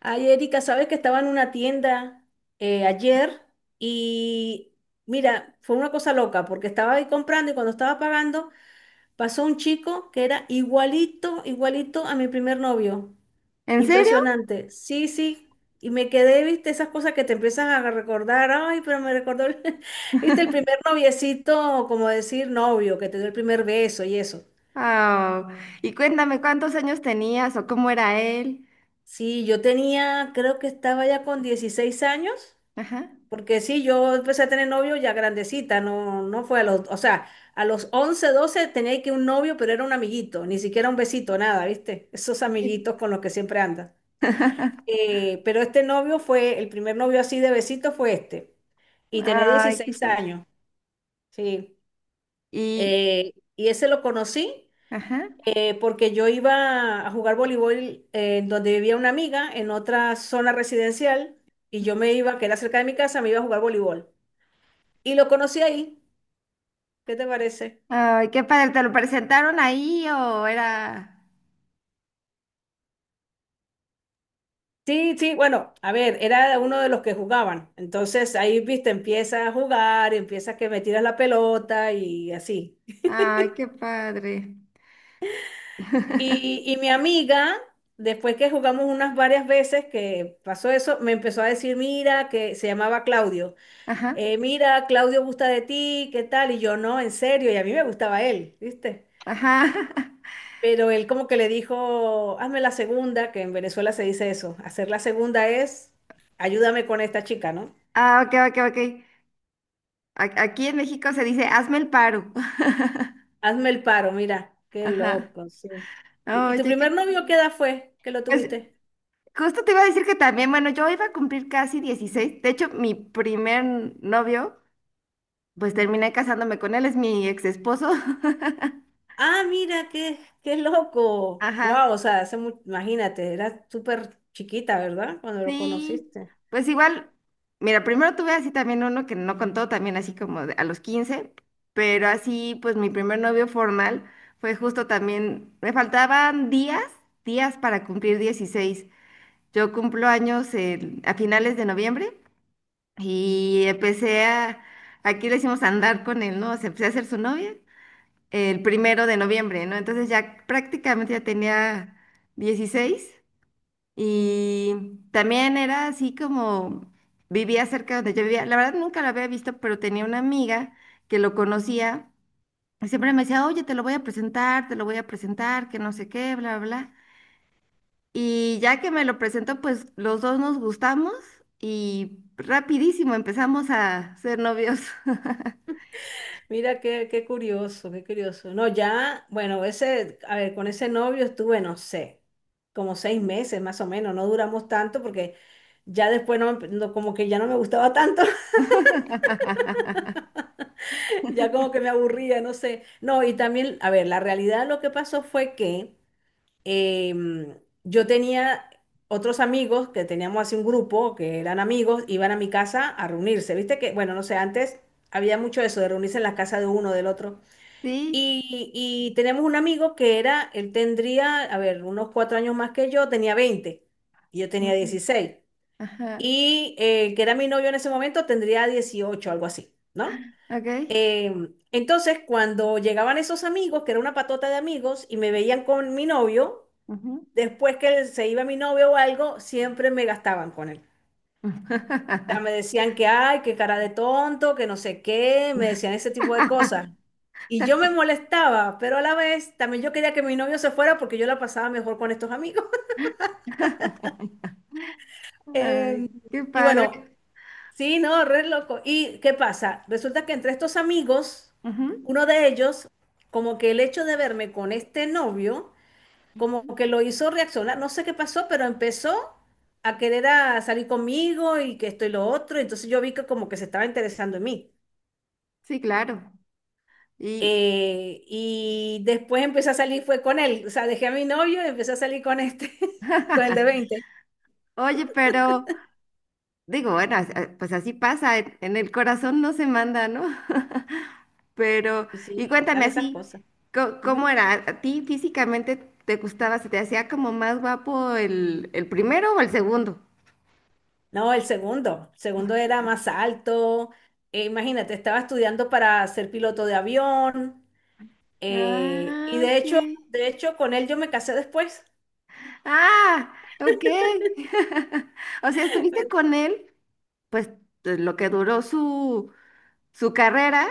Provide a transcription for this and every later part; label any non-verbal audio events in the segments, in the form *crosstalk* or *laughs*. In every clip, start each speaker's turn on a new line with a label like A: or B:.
A: Ay, Erika, sabes que estaba en una tienda ayer y mira, fue una cosa loca porque estaba ahí comprando y cuando estaba pagando pasó un chico que era igualito, igualito a mi primer novio.
B: ¿En serio?
A: Impresionante. Sí, sí. Y me quedé, viste, esas cosas que te empiezan a recordar. Ay, pero me recordó, *laughs* viste, el
B: *laughs*
A: primer noviecito, como decir novio, que te dio el primer beso y eso.
B: Ah, y cuéntame cuántos años tenías o cómo era él.
A: Sí, yo tenía, creo que estaba ya con 16 años.
B: Ajá.
A: Porque sí, yo empecé a tener novio ya grandecita, no, no fue a los, o sea, a los 11, 12 tenía que un novio, pero era un amiguito, ni siquiera un besito, nada, ¿viste? Esos
B: Sí.
A: amiguitos con los que siempre andas. Pero este novio fue, el primer novio así de besito fue este, y tenía
B: Ay, qué
A: 16
B: padre.
A: años, sí.
B: Y,
A: Y ese lo conocí
B: ajá.
A: porque yo iba a jugar voleibol en donde vivía una amiga, en otra zona residencial, y yo me iba, que era cerca de mi casa, me iba a jugar voleibol. Y lo conocí ahí. ¿Qué te parece?
B: Ay, qué padre. ¿Te lo presentaron ahí o era?
A: Sí, sí, bueno, a ver, era uno de los que jugaban. Entonces ahí, viste, empieza a jugar, empieza que me tiras la pelota y así.
B: Ay, qué padre. *laughs*
A: Y mi amiga, después que jugamos unas varias veces que pasó eso, me empezó a decir, mira, que se llamaba Claudio,
B: Ajá,
A: mira, Claudio gusta de ti, ¿qué tal? Y yo, no, en serio, y a mí me gustaba él, ¿viste?
B: ajá. *laughs*
A: Pero él como que le dijo, hazme la segunda, que en Venezuela se dice eso, hacer la segunda es, ayúdame con esta chica, ¿no?
B: Ah, ok, ok, ok. Aquí en México se dice, hazme el paro. *laughs*
A: Hazme el paro, mira, qué
B: Ajá.
A: loco, sí. ¿Y tu
B: Oye,
A: primer novio qué edad fue que lo
B: pues
A: tuviste?
B: justo te iba a decir que también, bueno, yo iba a cumplir casi 16. De hecho, mi primer novio. Pues terminé casándome con él, es mi ex esposo.
A: Ah, mira, qué, qué
B: *laughs*
A: loco. Wow,
B: Ajá,
A: o sea, hace imagínate, eras súper chiquita, ¿verdad? Cuando lo
B: sí.
A: conociste.
B: Pues igual, mira, primero tuve así también uno que no contó, también así como a los 15. Pero así pues mi primer novio formal fue justo también, me faltaban días, días para cumplir 16. Yo cumplo años a finales de noviembre y empecé aquí le decimos andar con él, ¿no? O sea, empecé a ser su novia el 1 de noviembre, ¿no? Entonces ya prácticamente ya tenía 16. Y también era así como vivía cerca donde yo vivía. La verdad nunca lo había visto, pero tenía una amiga que lo conocía y siempre me decía, oye, te lo voy a presentar, te lo voy a presentar, que no sé qué, bla, bla, bla. Y ya que me lo presentó, pues los dos nos gustamos y rapidísimo empezamos a ser novios.
A: Mira, qué, qué curioso, qué curioso. No, ya, bueno, ese, a ver, con ese novio estuve, no sé, como 6 meses más o menos, no duramos tanto porque ya después como que ya no me gustaba tanto,
B: *laughs*
A: *laughs* ya como que me aburría, no sé. No, y también, a ver, la realidad lo que pasó fue que em, yo tenía otros amigos que teníamos así un grupo que eran amigos, iban a mi casa a reunirse. Viste que, bueno, no sé, antes había mucho eso de reunirse en la casa de uno del otro.
B: Sí.
A: Y teníamos un amigo que era, él tendría, a ver, unos 4 años más que yo, tenía 20 y yo tenía
B: Ok.
A: 16.
B: Ajá.
A: Y que era mi novio en ese momento, tendría 18 algo así, ¿no?
B: Ok.
A: Entonces, cuando llegaban esos amigos, que era una patota de amigos, y me veían con mi novio,
B: Ujú.
A: después que se iba mi novio o algo, siempre me gastaban con él. O sea,
B: *laughs*
A: me decían que, ay, qué cara de tonto, que no sé qué, me decían ese tipo de cosas. Y yo me molestaba, pero a la vez también yo quería que mi novio se fuera porque yo la pasaba mejor con estos amigos. *laughs*
B: Ay,
A: Em,
B: qué
A: y
B: padre.
A: bueno, sí, no, re loco. ¿Y qué pasa? Resulta que entre estos amigos,
B: Ujú.
A: uno de ellos, como que el hecho de verme con este novio, como que lo hizo reaccionar, no sé qué pasó, pero empezó a querer a salir conmigo y que esto y lo otro, entonces yo vi que como que se estaba interesando en mí.
B: Sí, claro. Y,
A: Y después empecé a salir, fue con él, o sea, dejé a mi novio y empecé a salir con este, *laughs* con el de
B: *laughs*
A: 20.
B: oye, pero digo, bueno, pues así pasa, en el corazón no se manda, ¿no? *laughs* Pero,
A: Y
B: y
A: sí,
B: cuéntame
A: pasan esas
B: así,
A: cosas.
B: ¿cómo
A: Ujú.
B: era? ¿A ti físicamente te gustaba, se te hacía como más guapo el primero o el segundo?
A: No, el segundo era más alto. Imagínate, estaba estudiando para ser piloto de avión, y
B: Ah,
A: de
B: ok.
A: hecho, de hecho, con él yo me casé después.
B: Ah, ok. *laughs* O sea, estuviste
A: *laughs*
B: con él, pues lo que duró su carrera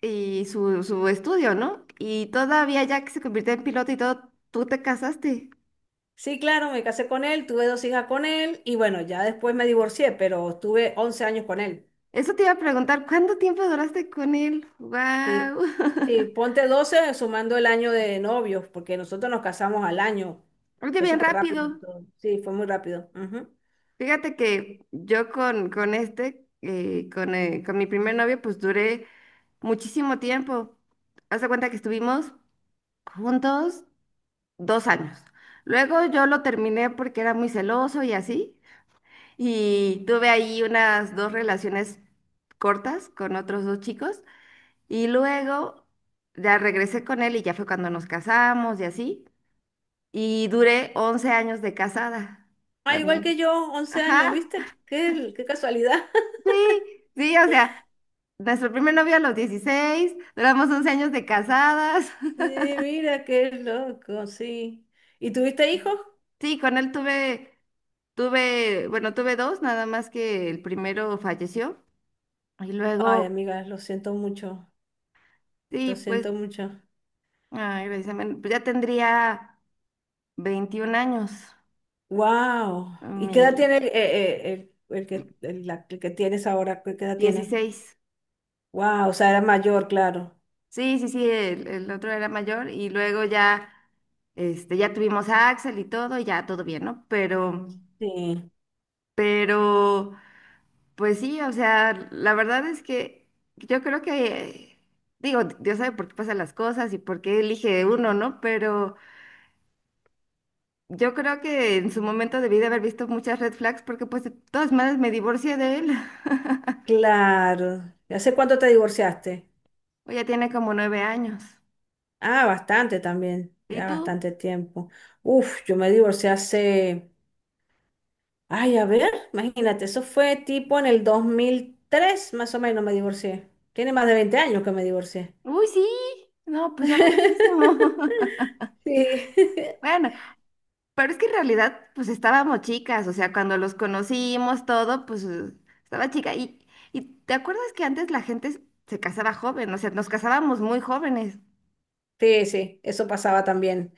B: y su estudio, ¿no? Y todavía ya que se convirtió en piloto y todo, tú te casaste.
A: Sí, claro, me casé con él, tuve dos hijas con él y bueno, ya después me divorcié, pero estuve 11 años con él.
B: Eso te iba a preguntar, ¿cuánto tiempo duraste con él?
A: Sí,
B: ¡Wow!
A: sí, ponte 12 sumando el año de novios, porque nosotros nos casamos al año.
B: *laughs* Oye,
A: Fue
B: bien
A: súper rápido,
B: rápido.
A: todo. Sí, fue muy rápido. Ujú.
B: Fíjate que yo con este, con mi primer novio, pues duré muchísimo tiempo. Haz de cuenta que estuvimos juntos 2 años. Luego yo lo terminé porque era muy celoso y así. Y tuve ahí unas dos relaciones cortas con otros dos chicos. Y luego ya regresé con él y ya fue cuando nos casamos y así. Y duré 11 años de casada
A: Ah, igual
B: también.
A: que yo, 11 años,
B: Ajá,
A: ¿viste? Qué, qué casualidad. *laughs*
B: sí, sí, o sea, nuestro primer novio a los 16 duramos 11 años de casadas.
A: Sí,
B: *laughs*
A: mira, qué loco, sí. ¿Y tuviste hijos?
B: Sí, con él tuve, bueno, tuve dos, nada más que el primero falleció. Y
A: Ay,
B: luego,
A: amiga, lo siento mucho, lo
B: sí, pues,
A: siento mucho.
B: ay, precisamente, pues ya tendría. 21 años,
A: Wow. ¿Y qué edad tiene
B: mi
A: el que tienes ahora? ¿Qué edad tiene?
B: 16.
A: Wow, o sea, era mayor, claro.
B: Sí, sí, sí, el otro era mayor y luego ya, este, ya tuvimos a Axel y todo, y ya todo bien, ¿no? Pero,
A: Sí,
B: pero, pues sí, o sea, la verdad es que yo creo que, digo, Dios sabe por qué pasan las cosas y por qué elige uno, ¿no? Pero yo creo que en su momento debí de haber visto muchas red flags porque pues de todas maneras me divorcié de él. *laughs*
A: claro. ¿Y hace cuánto te divorciaste?
B: O ya tiene como 9 años.
A: Ah, bastante también,
B: ¿Y
A: ya
B: tú?
A: bastante tiempo. Uf, yo me divorcié hace, ay, a ver, imagínate, eso fue tipo en el 2003, más o menos me divorcié. Tiene más de 20 años que me divorcié.
B: Uy, sí. No, pues ya muchísimo. *laughs*
A: *laughs* Sí, *laughs*
B: Bueno, pero es que en realidad, pues estábamos chicas, o sea, cuando los conocimos todo, pues estaba chica. Y ¿te acuerdas que antes la gente se casaba joven? O sea, nos casábamos muy jóvenes.
A: sí, sí, eso pasaba también.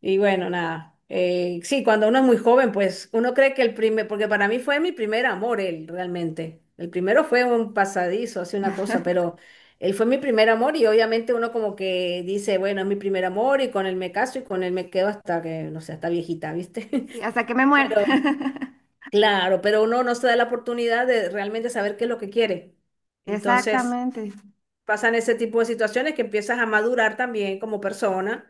A: Y bueno, nada. Sí, cuando uno es muy joven, pues uno cree que el primer, porque para mí fue mi primer amor, él realmente. El primero fue un pasadizo, así una cosa, pero él fue mi primer amor y obviamente uno como que dice, bueno, es mi primer amor y con él me caso y con él me quedo hasta que, no sé, hasta viejita, ¿viste?
B: Y
A: *laughs*
B: hasta que me muera.
A: Pero
B: *laughs*
A: claro, pero uno no se da la oportunidad de realmente saber qué es lo que quiere. Entonces
B: Exactamente.
A: pasan ese tipo de situaciones que empiezas a madurar también como persona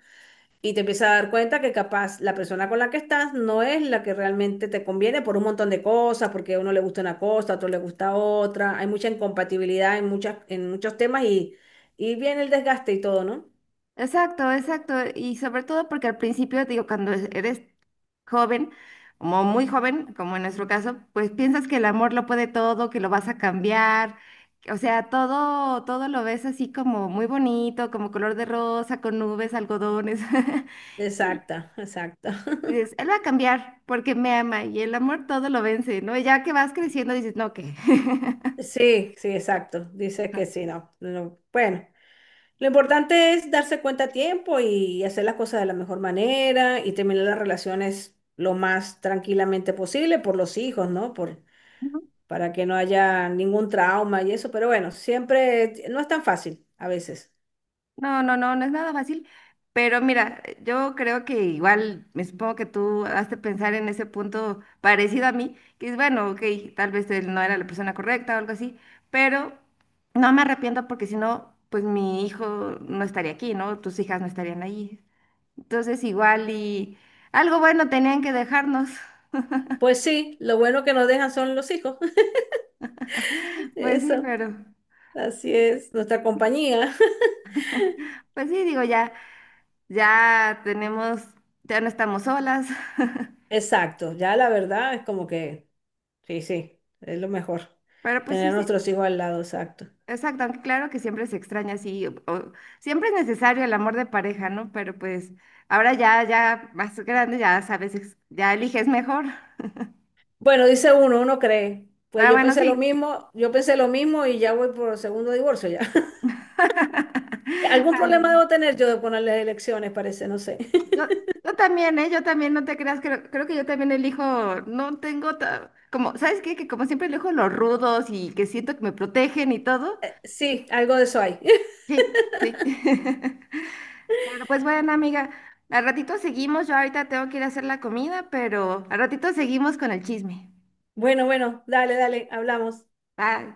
A: y te empiezas a dar cuenta que capaz la persona con la que estás no es la que realmente te conviene por un montón de cosas, porque a uno le gusta una cosa, a otro le gusta otra. Hay mucha incompatibilidad en en muchos temas y viene el desgaste y todo, ¿no?
B: Exacto, exacto. Y sobre todo porque al principio, digo, cuando eres joven, como muy joven, como en nuestro caso, pues piensas que el amor lo puede todo, que lo vas a cambiar. O sea, todo, todo lo ves así como muy bonito, como color de rosa, con nubes, algodones. *laughs* Y,
A: Exacta, exacta.
B: y
A: *laughs*
B: dices, él va a cambiar porque me ama y el amor todo lo vence, ¿no? Y ya que vas creciendo dices, no, ¿qué?
A: Sí, sí, exacto. Dice que sí, no, no, no. Bueno, lo importante es darse cuenta a tiempo y hacer las cosas de la mejor manera y terminar las relaciones lo más tranquilamente posible por los hijos, ¿no?
B: *laughs*
A: Para que no haya ningún trauma y eso, pero bueno, siempre no es tan fácil a veces.
B: No, no, no, no es nada fácil, pero mira, yo creo que igual, me supongo que tú has de pensar en ese punto parecido a mí, que es bueno, ok, tal vez él no era la persona correcta o algo así, pero no me arrepiento porque si no, pues mi hijo no estaría aquí, ¿no? Tus hijas no estarían ahí. Entonces igual y algo bueno tenían que dejarnos,
A: Pues sí, lo bueno que nos dejan son los hijos. *laughs*
B: *laughs* pues sí,
A: Eso,
B: pero,
A: así es, nuestra compañía.
B: pues sí, digo, ya, tenemos, ya no estamos solas,
A: *laughs*
B: *laughs*
A: Exacto, ya la verdad es como que, sí, sí, es lo mejor,
B: pero pues
A: tener
B: sí,
A: a
B: sí.
A: nuestros hijos al lado, exacto.
B: Exacto, aunque claro que siempre se extraña, sí, siempre es necesario el amor de pareja, ¿no? Pero pues ahora ya más grande, ya sabes, ya eliges mejor.
A: Bueno, dice uno, uno cree, pues
B: Ah,
A: yo
B: bueno,
A: pensé lo
B: sí.
A: mismo, yo pensé lo mismo y ya voy por segundo divorcio ya. *laughs*
B: *laughs*
A: Algún problema
B: Ay,
A: debo tener yo de poner las elecciones, parece, no sé.
B: yo, yo también, ¿eh? Yo también, no te creas, creo que yo también elijo, no tengo, como, ¿sabes qué? Que como siempre elijo los rudos y que siento que me protegen y todo.
A: *laughs* Sí, algo de eso hay. *laughs*
B: Sí, sí. *laughs* Pero pues bueno, amiga, al ratito seguimos. Yo ahorita tengo que ir a hacer la comida, pero al ratito seguimos con el chisme.
A: Bueno, bueno, dale, dale, hablamos.
B: Bye.